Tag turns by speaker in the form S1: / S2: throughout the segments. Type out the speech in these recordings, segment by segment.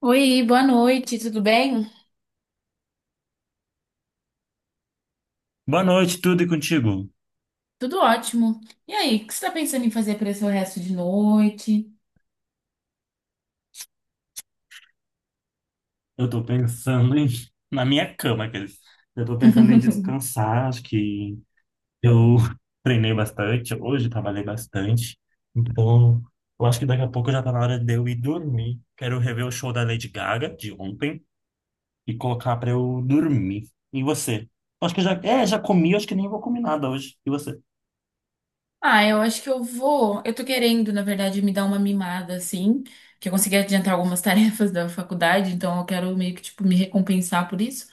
S1: Oi, boa noite, tudo bem?
S2: Boa noite, tudo e contigo?
S1: Tudo ótimo. E aí, o que você está pensando em fazer para esse resto de noite?
S2: Eu tô pensando em... na minha cama, aqueles. Eu tô pensando em descansar, acho que eu treinei bastante, hoje trabalhei bastante, então eu acho que daqui a pouco já tá na hora de eu ir dormir. Quero rever o show da Lady Gaga de ontem e colocar pra eu dormir. E você? Acho que já, é, já comi, acho que nem vou comer nada hoje. E você?
S1: Ah, eu acho que eu vou. Eu tô querendo, na verdade, me dar uma mimada, assim, que eu consegui adiantar algumas tarefas da faculdade, então eu quero meio que, tipo, me recompensar por isso.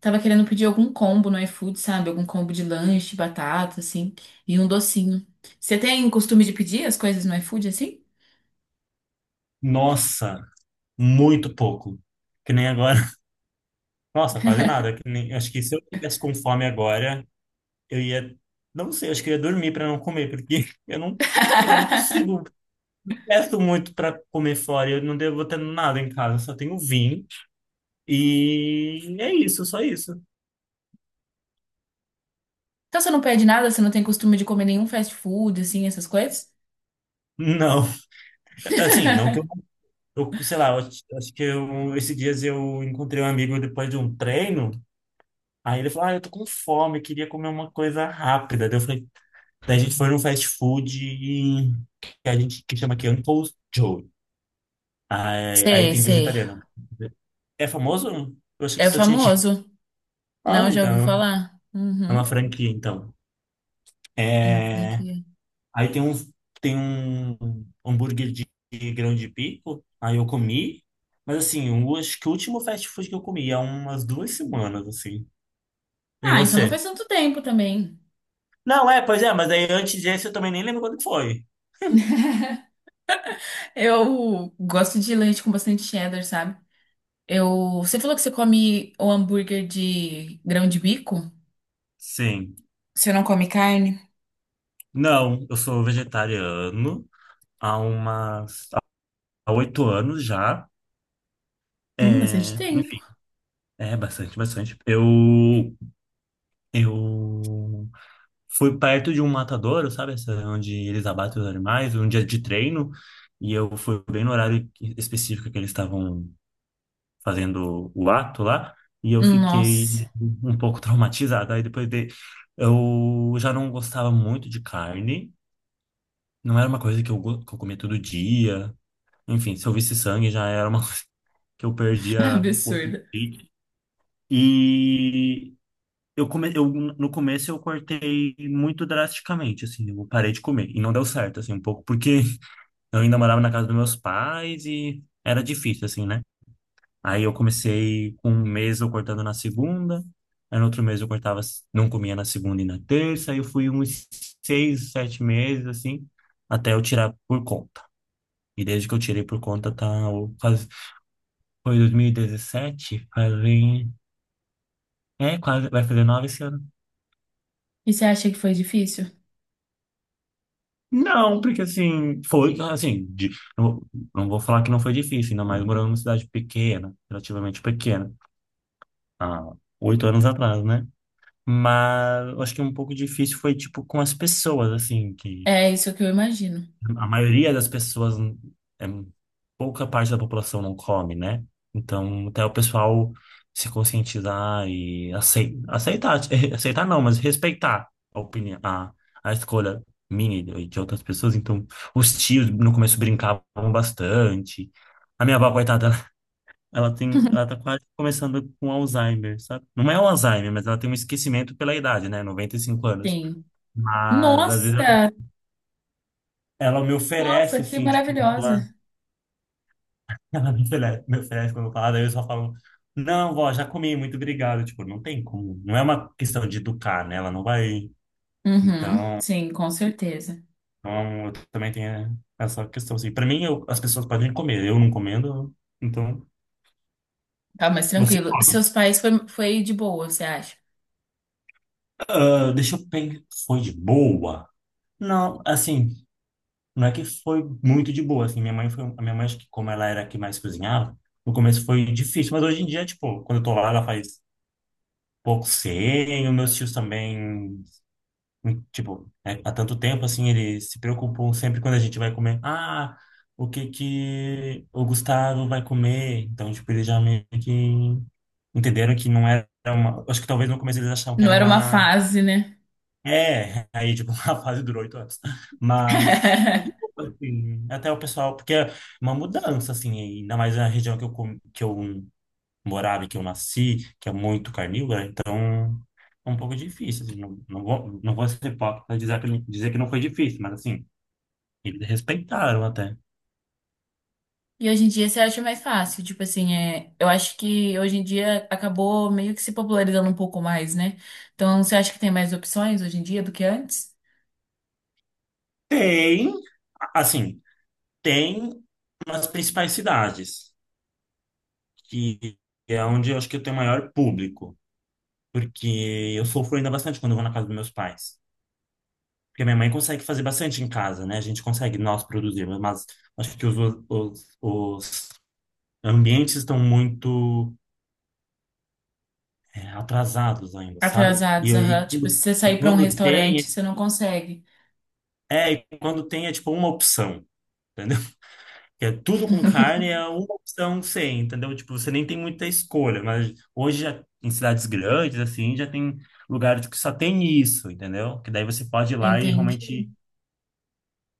S1: Tava querendo pedir algum combo no iFood, sabe? Algum combo de lanche, batata, assim, e um docinho. Você tem costume de pedir as coisas no iFood, assim?
S2: Nossa, muito pouco. Que nem agora. Nossa, quase nada. Que nem... Acho que se eu tivesse com fome agora eu ia, não sei, acho que eu ia dormir para não comer, porque eu não, sei lá, eu não consigo, peço muito para comer fora, eu não devo ter nada em casa, eu só tenho vinho e é isso, só isso.
S1: Então você não pede nada, você não tem costume de comer nenhum fast food, assim, essas coisas?
S2: Não, assim, não que eu sei lá, eu acho que eu, esses dias eu encontrei um amigo depois de um treino, aí ele falou, ah, eu tô com fome, queria comer uma coisa rápida. Daí eu falei, daí a gente foi num fast food que a gente que chama aqui Uncle Joe. Aí
S1: Sei,
S2: tem
S1: sei.
S2: vegetariano. Né? É famoso? Eu achei que
S1: É
S2: só tinha aqui.
S1: famoso.
S2: Ah,
S1: Não, já ouvi
S2: então.
S1: falar.
S2: É uma
S1: Uhum.
S2: franquia, então.
S1: Uma
S2: É...
S1: franquia.
S2: Aí tem um hambúrguer de grão de bico. Aí eu comi. Mas assim, eu acho que o último fast food que eu comi há umas 2 semanas, assim. E
S1: Ah, então não
S2: você?
S1: faz tanto tempo também.
S2: Não, é, pois é, mas aí antes desse eu também nem lembro quando foi.
S1: Eu gosto de leite com bastante cheddar, sabe? Você falou que você come o hambúrguer de grão de bico?
S2: Sim.
S1: Você não come carne?
S2: Não, eu sou vegetariano há umas... há oito anos já.
S1: Bastante
S2: É... Enfim,
S1: tempo.
S2: é bastante, bastante. Eu fui perto de um matadouro, sabe? Essa, onde eles abatem os animais, um dia de treino, e eu fui bem no horário específico que eles estavam fazendo o ato lá, e eu
S1: Nossa,
S2: fiquei um pouco traumatizado. Aí depois de... eu já não gostava muito de carne, não era uma coisa que eu, que eu comia todo dia. Enfim, se eu visse sangue já era uma coisa que eu
S1: que
S2: perdia o
S1: absurdo.
S2: apetite. E eu, come... eu no começo eu cortei muito drasticamente, assim, eu parei de comer e não deu certo, assim, um pouco, porque eu ainda morava na casa dos meus pais e era difícil, assim, né? Aí eu comecei com um mês eu cortando na segunda, aí no outro mês eu cortava, não comia na segunda e na terça, aí eu fui uns 6, 7 meses, assim, até eu tirar por conta. E desde que eu tirei por conta, tá, o- quase, foi 2017, fazem, é, quase, vai fazer 9 anos.
S1: E você acha que foi difícil?
S2: Não, porque assim, foi assim, não, vou não vou falar que não foi difícil, ainda mais morando numa cidade pequena, relativamente pequena, há 8 anos atrás, né? Mas eu acho que um pouco difícil foi, tipo, com as pessoas, assim, que
S1: É isso que eu imagino.
S2: a maioria das pessoas, é, pouca parte da população não come, né? Então, até o pessoal se conscientizar e aceitar, aceitar não, mas respeitar a opinião, a escolha minha e de outras pessoas. Então, os tios no começo brincavam bastante. A minha avó, coitada, ela tem, ela tá quase começando com Alzheimer, sabe? Não é o Alzheimer, mas ela tem um esquecimento pela idade, né? 95 anos.
S1: Sim.
S2: Mas, às vezes,
S1: Nossa,
S2: ela me
S1: nossa,
S2: oferece,
S1: que
S2: assim, tipo, um.
S1: maravilhosa.
S2: Ela me oferece quando eu falo, daí eu só falo, não, vó, já comi, muito obrigado. Tipo, não tem como, não é uma questão de educar, né? Ela não vai.
S1: Uhum,
S2: Então,
S1: sim, com certeza.
S2: então eu também tenho essa questão, assim. Pra mim, as pessoas podem comer, eu não comendo, então.
S1: Tá mais
S2: Você,
S1: tranquilo.
S2: come.
S1: Seus pais foi de boa, você acha?
S2: Ah, deixa eu pensar, foi de boa? Não, assim, não é que foi muito de boa, assim, minha mãe foi, a minha mãe, acho que como ela era a que mais cozinhava, no começo foi difícil, mas hoje em dia, tipo, quando eu tô lá, ela faz pouco sem, os meus tios também. Tipo, é, há tanto tempo, assim, eles se preocupam sempre quando a gente vai comer. Ah, o que que o Gustavo vai comer? Então, tipo, eles já meio que entenderam que não era uma... Acho que talvez no começo eles achavam que
S1: Não
S2: era
S1: era uma
S2: uma...
S1: fase, né?
S2: É, aí, tipo, a fase durou 8 anos. Mas, é de boa, assim, até o pessoal... Porque é uma mudança, assim, ainda mais na região que eu, que eu morada que eu nasci, que é muito carnívora, então é um pouco difícil, assim, não, não vou ser hipócrita e dizer que não foi difícil, mas assim, eles respeitaram até.
S1: E hoje em dia você acha mais fácil, tipo assim, eu acho que hoje em dia acabou meio que se popularizando um pouco mais, né? Então você acha que tem mais opções hoje em dia do que antes?
S2: Tem, assim, tem nas principais cidades, que é onde eu acho que eu tenho maior público, porque eu sofro ainda bastante quando eu vou na casa dos meus pais. Porque a minha mãe consegue fazer bastante em casa, né? A gente consegue nós produzir, mas acho que os ambientes estão muito é, atrasados ainda, sabe? E,
S1: Atrasados,
S2: e
S1: aham. Tipo, se
S2: quando,
S1: você
S2: e
S1: sair pra um
S2: quando
S1: restaurante,
S2: tem,
S1: você não consegue.
S2: é, e quando tem é tipo uma opção, entendeu? Que é tudo com carne, é uma opção sem, entendeu? Tipo, você nem tem muita escolha, mas hoje já, em cidades grandes, assim, já tem lugares que só tem isso, entendeu? Que daí você pode ir lá e
S1: Entendi.
S2: realmente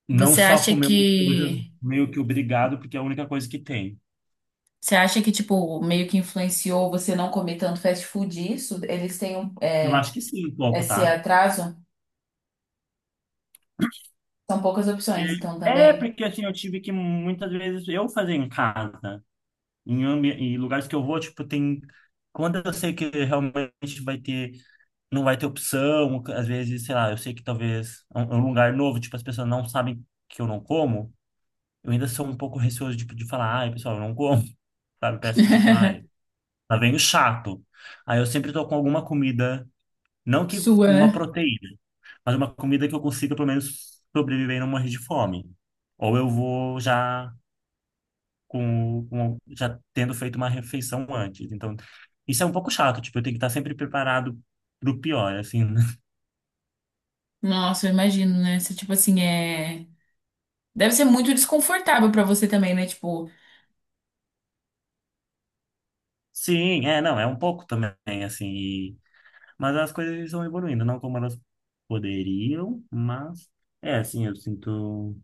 S2: não
S1: Você
S2: só
S1: acha
S2: comer uma coisa
S1: que
S2: meio que obrigado, porque é a única coisa que tem.
S1: você acha que tipo meio que influenciou você não comer tanto fast food isso? Eles têm um,
S2: Eu acho que sim, um pouco,
S1: esse
S2: tá?
S1: atraso? São poucas opções, então,
S2: É,
S1: também.
S2: porque assim, eu tive que muitas vezes eu fazer em casa. Em, em lugares que eu vou, tipo, tem. Quando eu sei que realmente vai ter. Não vai ter opção, às vezes, sei lá, eu sei que talvez é um lugar novo, tipo, as pessoas não sabem que eu não como, eu ainda sou um pouco receoso, tipo, de falar, ai, pessoal, eu não como, sabe? Parece que, tipo, ai, lá vem o chato. Aí eu sempre tô com alguma comida, não que
S1: Sua,
S2: uma
S1: né?
S2: proteína, mas uma comida que eu consiga, pelo menos, sobreviver e não morrer de fome. Ou eu vou já com, já tendo feito uma refeição antes. Então, isso é um pouco chato, tipo, eu tenho que estar sempre preparado pro pior, assim. Né?
S1: Nossa, eu imagino, né? Você, tipo assim. Deve ser muito desconfortável pra você também, né? Tipo,
S2: Sim, é, não, é um pouco também, assim. Mas as coisas estão evoluindo, não como elas poderiam, mas é assim, eu sinto,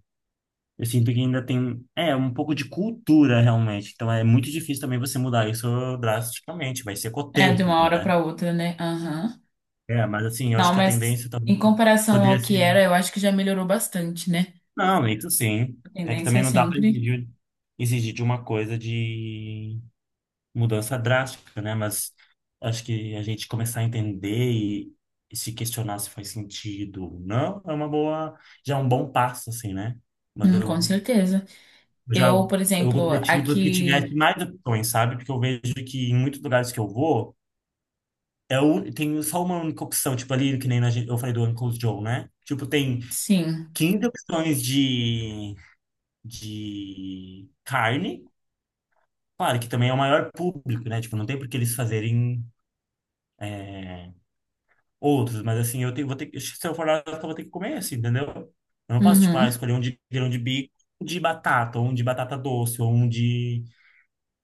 S2: eu sinto que ainda tem, é, um pouco de cultura realmente. Então é muito difícil também você mudar isso drasticamente, vai ser com o
S1: é de
S2: tempo,
S1: uma hora
S2: né?
S1: pra outra, né? Aham.
S2: É, mas assim, eu acho
S1: Não,
S2: que a
S1: mas
S2: tendência também
S1: em comparação
S2: poderia
S1: ao que
S2: ser.
S1: era, eu acho que já melhorou bastante, né?
S2: Não, isso sim.
S1: A
S2: É que
S1: tendência é
S2: também não dá para
S1: sempre.
S2: exigir, exigir de uma coisa de mudança drástica, né? Mas acho que a gente começar a entender e se questionar se faz sentido ou não, é uma boa, já é um bom passo, assim, né? Mas
S1: Com certeza.
S2: eu já,
S1: Eu, por
S2: eu
S1: exemplo,
S2: gostaria de livro que
S1: aqui.
S2: tivesse mais opções, sabe? Porque eu vejo que em muitos lugares que eu vou, é o, tem só uma única opção, tipo ali, que nem na, eu falei do Uncle Joe, né? Tipo, tem
S1: Sim.
S2: 15 opções de carne. Claro que também é o maior público, né? Tipo, não tem por que eles fazerem é, outros, mas assim, eu tenho, vou ter que, se eu for lá, eu vou ter que comer assim, entendeu? Eu não posso, tipo, ah,
S1: Uhum.
S2: escolher um de grão de bico, um de batata, ou um de batata doce, ou um de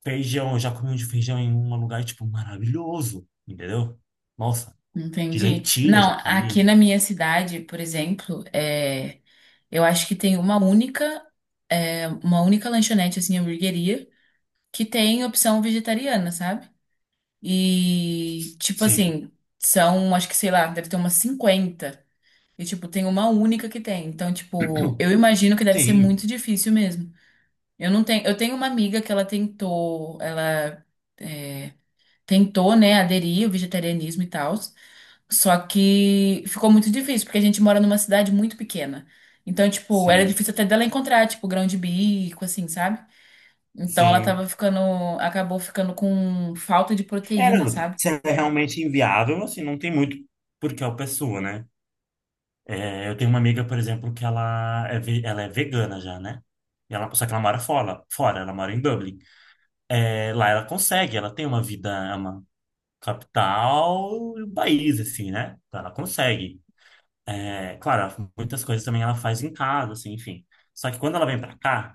S2: feijão. Eu já comi um de feijão em um lugar, tipo, maravilhoso, entendeu? Nossa, de
S1: Entendi.
S2: lentilha
S1: Não,
S2: já
S1: aqui
S2: comi.
S1: na minha cidade, por exemplo. Eu acho que tem uma única lanchonete, assim, hamburgueria. Que tem opção vegetariana, sabe? E, tipo
S2: Sim,
S1: assim, são, acho que sei lá, deve ter umas 50 E, tipo, tem uma única que tem. Então, tipo, eu imagino que deve ser muito
S2: sim,
S1: difícil mesmo. Eu não tenho. Eu tenho uma amiga que ela tentou, ela é, tentou, né, aderir ao vegetarianismo e tal. Só que ficou muito difícil, porque a gente mora numa cidade muito pequena. Então, tipo, era
S2: sim,
S1: difícil até dela encontrar, tipo, grão de bico, assim, sabe? Então ela
S2: sim.
S1: acabou ficando com falta de
S2: É,
S1: proteína,
S2: não,
S1: sabe?
S2: se é realmente inviável, assim, não tem muito por que a pessoa, né? É, eu tenho uma amiga, por exemplo, que ela é, ela é vegana já, né? E ela, só que ela mora fora, fora, ela mora em Dublin. É, lá ela consegue, ela tem uma vida, é uma capital do país, assim, né? Então ela consegue. É, claro, muitas coisas também ela faz em casa, assim, enfim. Só que quando ela vem pra cá,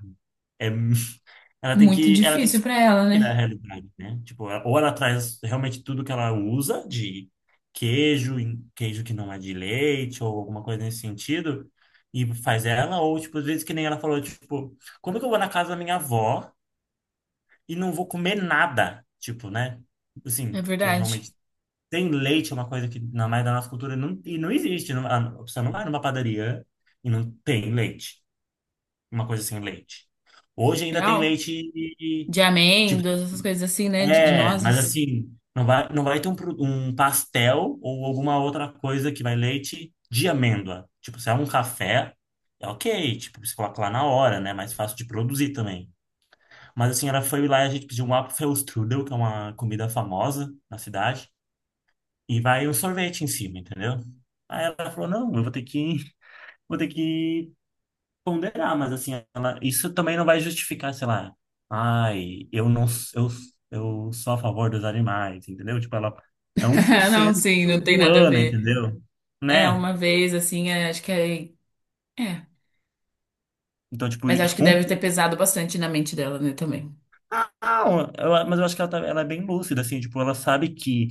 S2: é ela tem
S1: Muito
S2: que, ela tem que
S1: difícil pra ela,
S2: sair da
S1: né?
S2: realidade, né? Tipo, ou ela traz realmente tudo que ela usa de queijo, queijo que não é de leite ou alguma coisa nesse sentido, e faz ela, ou tipo, às vezes que nem ela falou, tipo, como que eu vou na casa da minha avó e não vou comer nada? Tipo, né?
S1: É
S2: Assim, que
S1: verdade.
S2: realmente tem leite, é uma coisa que na maioria da nossa cultura não, e não existe. Não, a pessoa não vai numa padaria e não tem leite, uma coisa sem leite. Hoje ainda tem
S1: Real.
S2: leite
S1: De
S2: tipo,
S1: amêndoas, essas coisas assim, né? De
S2: é, mas
S1: nozes.
S2: assim, não vai, não vai ter um, um pastel ou alguma outra coisa que vai leite de amêndoa. Tipo, se é um café, é ok, tipo, você coloca lá na hora, né? Mais fácil de produzir também. Mas assim, ela foi lá e a gente pediu um Apfelstrudel, que é uma comida famosa na cidade, e vai um sorvete em cima, entendeu? Aí ela falou, não, eu vou ter que ponderar, mas assim, isso também não vai justificar, sei lá, ai, eu não, eu, eu sou a favor dos animais, entendeu? Tipo, ela é um por
S1: Não,
S2: cento
S1: sim, não tem
S2: do
S1: nada a
S2: ano,
S1: ver.
S2: entendeu?
S1: É,
S2: Né?
S1: uma vez, assim, acho que é. É.
S2: Então, tipo,
S1: Mas acho que
S2: um,
S1: deve ter pesado bastante na mente dela, né, também.
S2: não, mas eu acho que ela, ela é bem lúcida, assim, tipo, ela sabe que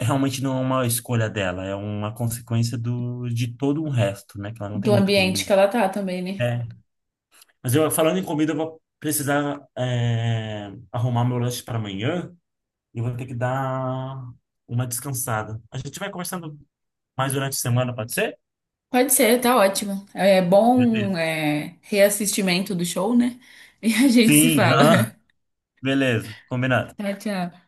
S2: realmente não é uma escolha dela, é uma consequência do, de todo o resto, né? Que ela não tem
S1: Do
S2: muito
S1: ambiente que
S2: como.
S1: ela tá também, né?
S2: É. Mas eu, falando em comida, eu vou precisar, é, arrumar meu lanche para amanhã. Eu vou ter que dar uma descansada. A gente vai conversando mais durante a semana, pode ser?
S1: Pode ser, tá ótimo. É bom,
S2: Beleza.
S1: é, reassistimento do show, né? E a gente se
S2: Sim,
S1: fala.
S2: aham, beleza, combinado.
S1: Tchau, tchau.